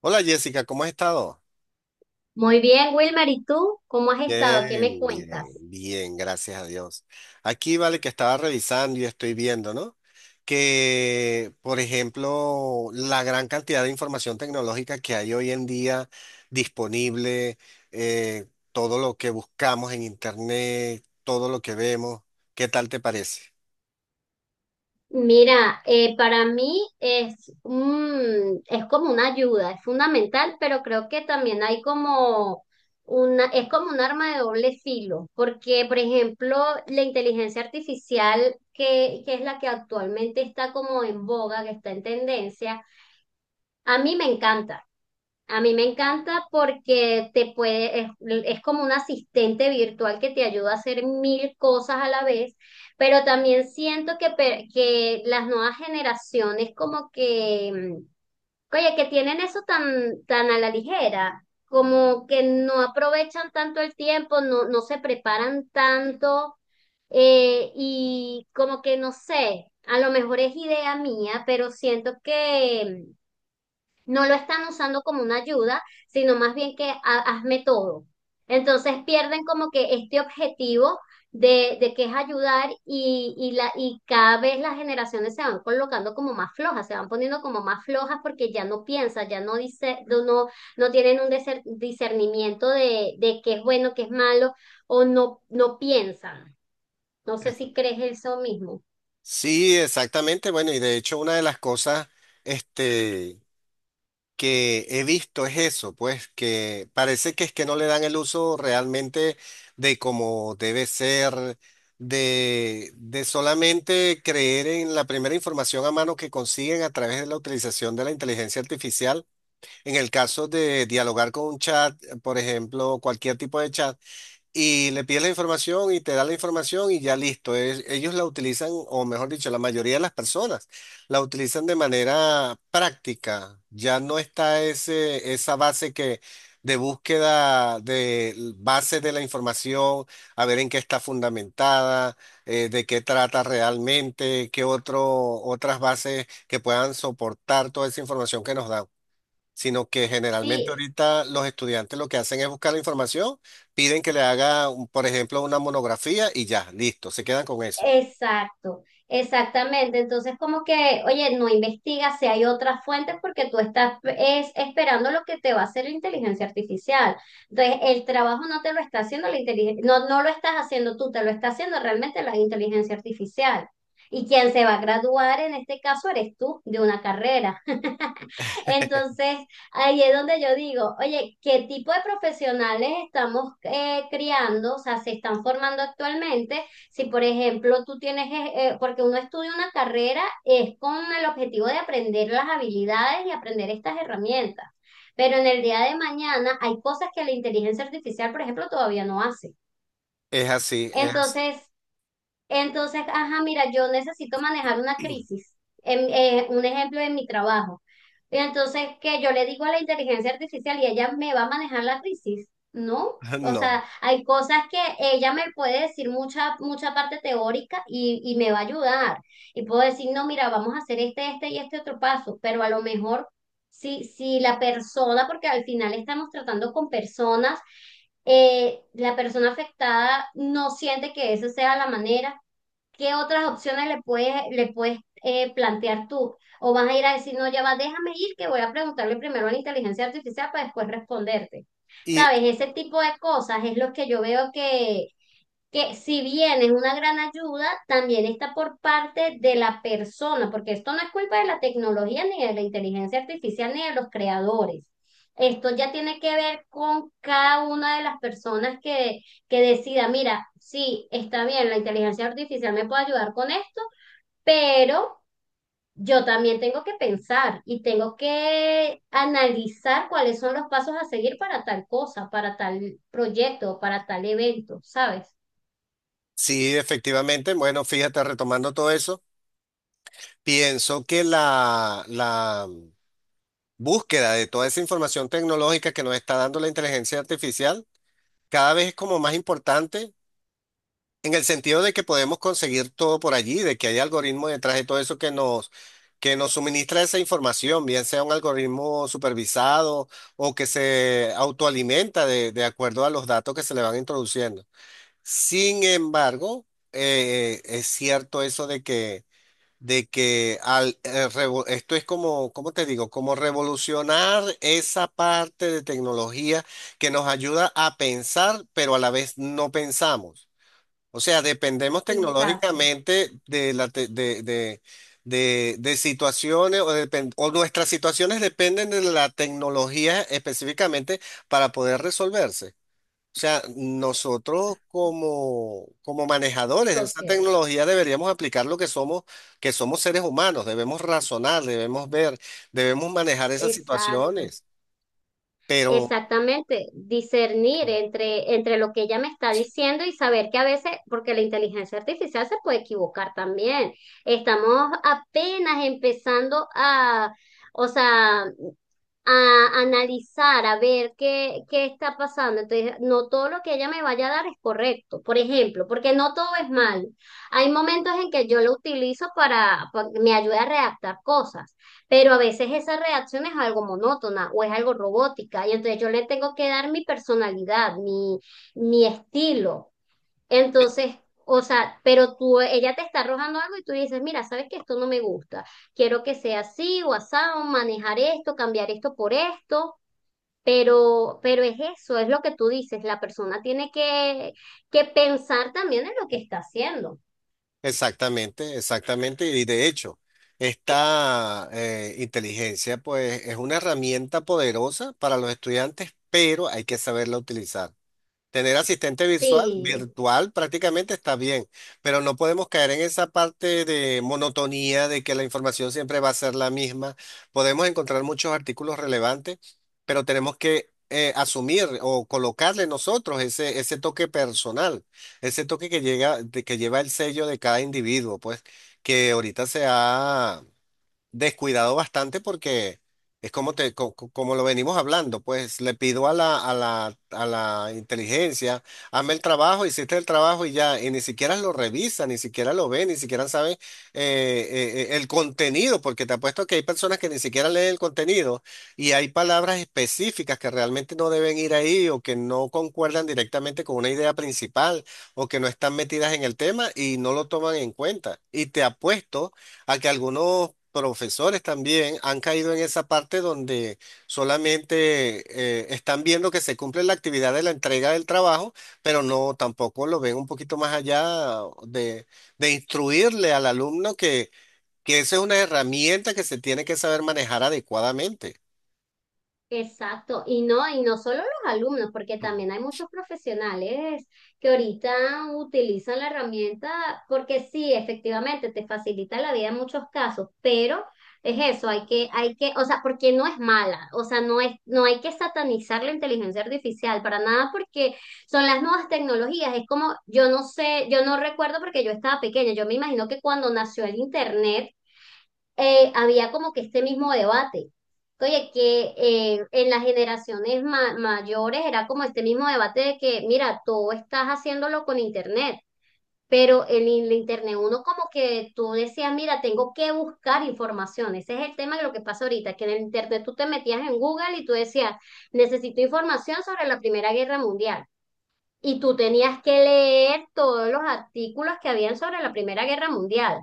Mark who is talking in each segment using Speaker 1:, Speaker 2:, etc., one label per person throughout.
Speaker 1: Hola Jessica, ¿cómo has estado?
Speaker 2: Muy bien, Wilmer, ¿y tú cómo has estado? ¿Qué me
Speaker 1: Bien, bien,
Speaker 2: cuentas?
Speaker 1: bien, gracias a Dios. Aquí vale que estaba revisando y estoy viendo, ¿no? Que, por ejemplo, la gran cantidad de información tecnológica que hay hoy en día disponible, eh, todo lo que buscamos en Internet, todo lo que vemos, ¿qué tal te parece?
Speaker 2: Mira, para mí es como una ayuda, es fundamental, pero creo que también hay como una, es como un arma de doble filo, porque, por ejemplo, la inteligencia artificial, que es la que actualmente está como en boga, que está en tendencia, a mí me encanta. A mí me encanta porque te puede, es como un asistente virtual que te ayuda a hacer mil cosas a la vez, pero también siento que, que las nuevas generaciones como que, oye, que tienen eso tan, tan a la ligera, como que no aprovechan tanto el tiempo, no, no se preparan tanto. Y como que no sé, a lo mejor es idea mía, pero siento que no lo están usando como una ayuda, sino más bien que hazme todo. Entonces pierden como que este objetivo de que es ayudar y, la, y cada vez las generaciones se van colocando como más flojas, se van poniendo como más flojas porque ya no piensan, ya no dice, no, no tienen un discernimiento de qué es bueno, qué es malo, o no, no piensan. No sé si crees eso mismo.
Speaker 1: Sí, exactamente. Bueno, y de hecho una de las cosas, este, que he visto es eso, pues que parece que es que no le dan el uso realmente de como debe ser, de solamente creer en la primera información a mano que consiguen a través de la utilización de la inteligencia artificial. En el caso de dialogar con un chat, por ejemplo, cualquier tipo de chat y le pides la información y te da la información y ya listo. Ellos la utilizan, o mejor dicho, la mayoría de las personas la utilizan de manera práctica. Ya no está ese, esa base que de búsqueda de base de la información, a ver en qué está fundamentada, de qué trata realmente, qué otro, otras bases que puedan soportar toda esa información que nos dan, sino que generalmente
Speaker 2: Sí.
Speaker 1: ahorita los estudiantes lo que hacen es buscar la información, piden que le haga, por ejemplo, una monografía y ya, listo, se quedan con eso.
Speaker 2: Exacto, exactamente. Entonces, como que, oye, no investigas si hay otras fuentes porque tú estás es, esperando lo que te va a hacer la inteligencia artificial. Entonces, el trabajo no te lo está haciendo la inteligencia, no, no lo estás haciendo tú, te lo está haciendo realmente la inteligencia artificial. Y quien se va a graduar en este caso eres tú de una carrera. Entonces, ahí es donde yo digo, oye, ¿qué tipo de profesionales estamos criando? O sea, se están formando actualmente. Si, por ejemplo, tú tienes, porque uno estudia una carrera, es con el objetivo de aprender las habilidades y aprender estas herramientas. Pero en el día de mañana hay cosas que la inteligencia artificial, por ejemplo, todavía no hace.
Speaker 1: Es así, es así.
Speaker 2: Entonces, entonces, ajá, mira, yo necesito manejar una crisis, un ejemplo en mi trabajo. Y entonces, que yo le digo a la inteligencia artificial y ella me va a manejar la crisis, ¿no? O
Speaker 1: No.
Speaker 2: sea, hay cosas que ella me puede decir mucha, mucha parte teórica y me va a ayudar. Y puedo decir, no, mira, vamos a hacer este, este y este otro paso, pero a lo mejor si, si la persona, porque al final estamos tratando con personas, la persona afectada no siente que esa sea la manera. ¿Qué otras opciones le puedes, plantear tú? O vas a ir a decir, no, ya va, déjame ir, que voy a preguntarle primero a la inteligencia artificial para después responderte.
Speaker 1: Y
Speaker 2: ¿Sabes? Ese tipo de cosas es lo que yo veo que si bien es una gran ayuda, también está por parte de la persona, porque esto no es culpa de la tecnología, ni de la inteligencia artificial, ni de los creadores. Esto ya tiene que ver con cada una de las personas que decida, mira, sí, está bien, la inteligencia artificial me puede ayudar con esto, pero yo también tengo que pensar y tengo que analizar cuáles son los pasos a seguir para tal cosa, para tal proyecto, para tal evento, ¿sabes?
Speaker 1: sí, efectivamente, bueno, fíjate, retomando todo eso, pienso que la búsqueda de toda esa información tecnológica que nos está dando la inteligencia artificial cada vez es como más importante. En el sentido de que podemos conseguir todo por allí, de que hay algoritmos detrás de todo eso que nos suministra esa información, bien sea un algoritmo supervisado o que se autoalimenta de acuerdo a los datos que se le van introduciendo. Sin embargo, es cierto eso de que al, esto es como, ¿cómo te digo? Como revolucionar esa parte de tecnología que nos ayuda a pensar, pero a la vez no pensamos. O sea, dependemos
Speaker 2: Exacto.
Speaker 1: tecnológicamente de, la te- de situaciones o, o nuestras situaciones dependen de la tecnología específicamente para poder resolverse. O sea, nosotros como, como manejadores de esa
Speaker 2: Sociedad.
Speaker 1: tecnología deberíamos aplicar lo que somos seres humanos, debemos razonar, debemos ver, debemos manejar esas
Speaker 2: Exacto.
Speaker 1: situaciones. Pero
Speaker 2: Exactamente, discernir entre, entre lo que ella me está diciendo y saber que a veces, porque la inteligencia artificial se puede equivocar también. Estamos apenas empezando a, o sea, a analizar, a ver qué, qué está pasando. Entonces, no todo lo que ella me vaya a dar es correcto, por ejemplo, porque no todo es malo. Hay momentos en que yo lo utilizo para que me ayude a redactar cosas, pero a veces esa redacción es algo monótona o es algo robótica y entonces yo le tengo que dar mi personalidad, mi estilo. Entonces, o sea, pero tú, ella te está arrojando algo y tú dices, mira, sabes que esto no me gusta, quiero que sea así o asado, manejar esto, cambiar esto por esto, pero es eso, es lo que tú dices, la persona tiene que pensar también en lo que está haciendo.
Speaker 1: exactamente, exactamente. Y de hecho, esta inteligencia pues es una herramienta poderosa para los estudiantes, pero hay que saberla utilizar. Tener asistente virtual,
Speaker 2: Sí.
Speaker 1: virtual prácticamente está bien, pero no podemos caer en esa parte de monotonía de que la información siempre va a ser la misma. Podemos encontrar muchos artículos relevantes, pero tenemos que asumir o colocarle nosotros ese, ese toque personal, ese toque que llega, que lleva el sello de cada individuo, pues, que ahorita se ha descuidado bastante porque es como te, como lo venimos hablando, pues le pido a la inteligencia, hazme el trabajo, hiciste el trabajo y ya, y ni siquiera lo revisa, ni siquiera lo ve, ni siquiera sabe el contenido, porque te apuesto que hay personas que ni siquiera leen el contenido y hay palabras específicas que realmente no deben ir ahí o que no concuerdan directamente con una idea principal o que no están metidas en el tema y no lo toman en cuenta. Y te apuesto a que algunos profesores también han caído en esa parte donde solamente están viendo que se cumple la actividad de la entrega del trabajo, pero no tampoco lo ven un poquito más allá de, de instruirle al alumno que esa es una herramienta que se tiene que saber manejar adecuadamente.
Speaker 2: Exacto, y no solo los alumnos, porque también hay muchos profesionales que ahorita utilizan la herramienta, porque sí, efectivamente, te facilita la vida en muchos casos, pero es eso, hay que, o sea, porque no es mala, o sea, no es, no hay que satanizar la inteligencia artificial para nada, porque son las nuevas tecnologías, es como, yo no sé, yo no recuerdo porque yo estaba pequeña, yo me imagino que cuando nació el internet había como que este mismo debate. Oye, que en las generaciones mayores era como este mismo debate de que, mira, tú estás haciéndolo con internet, pero en el internet uno como que tú decías, mira, tengo que buscar información. Ese es el tema de lo que pasa ahorita, que en el internet tú te metías en Google y tú decías, necesito información sobre la Primera Guerra Mundial. Y tú tenías que leer todos los artículos que habían sobre la Primera Guerra Mundial.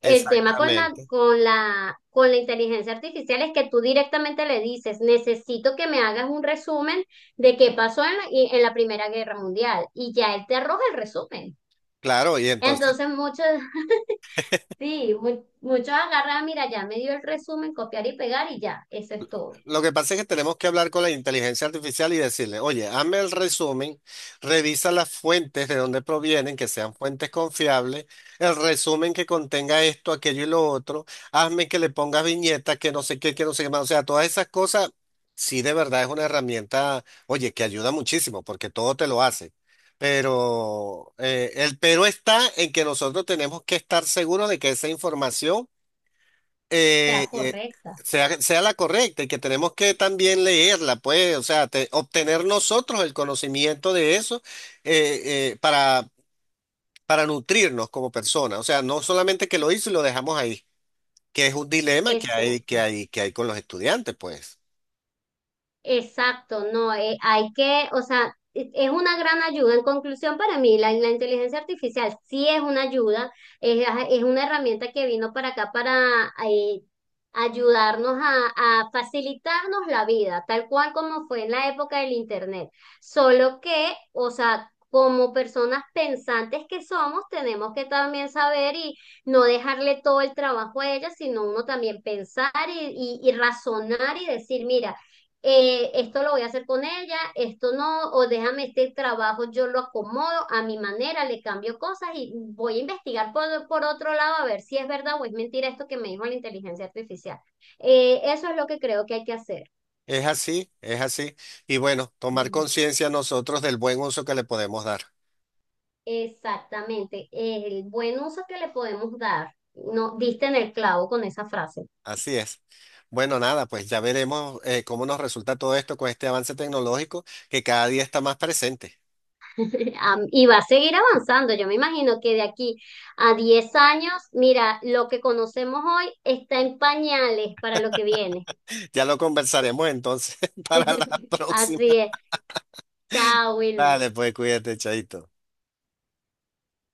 Speaker 2: El tema con la,
Speaker 1: Exactamente.
Speaker 2: con la, con la inteligencia artificial es que tú directamente le dices, necesito que me hagas un resumen de qué pasó en la, en la Primera Guerra Mundial. Y ya él te arroja el resumen.
Speaker 1: Claro, y entonces
Speaker 2: Entonces muchos, sí, muchos agarran, mira, ya me dio el resumen, copiar y pegar y ya, eso es todo. O
Speaker 1: lo que pasa es que tenemos que hablar con la inteligencia artificial y decirle, oye, hazme el resumen, revisa las fuentes de dónde provienen, que sean fuentes confiables, el resumen que contenga esto, aquello y lo otro, hazme que le pongas viñetas, que no sé qué, que no sé qué más. O sea, todas esas cosas, sí de verdad es una herramienta, oye, que ayuda muchísimo, porque todo te lo hace. Pero el pero está en que nosotros tenemos que estar seguros de que esa información eh,
Speaker 2: sea,
Speaker 1: eh,
Speaker 2: correcta.
Speaker 1: sea, sea la correcta y que tenemos que también leerla, pues, o sea, obtener nosotros el conocimiento de eso eh, eh, para, para nutrirnos como personas. O sea, no solamente que lo hizo y lo dejamos ahí, que es un dilema que
Speaker 2: Eso.
Speaker 1: hay, que hay con los estudiantes, pues.
Speaker 2: Exacto, no, hay que, o sea, es una gran ayuda. En conclusión, para mí, la inteligencia artificial sí es una ayuda, es una herramienta que vino para acá para ayudarnos a facilitarnos la vida, tal cual como fue en la época del Internet. Solo que, o sea, como personas pensantes que somos, tenemos que también saber y no dejarle todo el trabajo a ella, sino uno también pensar y, y razonar y decir, mira, esto lo voy a hacer con ella, esto no, o déjame este trabajo, yo lo acomodo a mi manera, le cambio cosas y voy a investigar por otro lado a ver si es verdad o es mentira esto que me dijo la inteligencia artificial. Eso es lo que creo que hay que hacer.
Speaker 1: Es así, es así. Y bueno, tomar
Speaker 2: Mm.
Speaker 1: conciencia nosotros del buen uso que le podemos dar.
Speaker 2: Exactamente, el buen uso que le podemos dar. No, diste en el clavo con esa frase.
Speaker 1: Así es. Bueno, nada, pues ya veremos cómo nos resulta todo esto con este avance tecnológico que cada día está más presente.
Speaker 2: Y va a seguir avanzando. Yo me imagino que de aquí a 10 años, mira, lo que conocemos hoy está en pañales para lo que viene.
Speaker 1: Ya lo conversaremos entonces para la próxima.
Speaker 2: Así es. Chao, Wilmer.
Speaker 1: Dale, pues cuídate, chaito.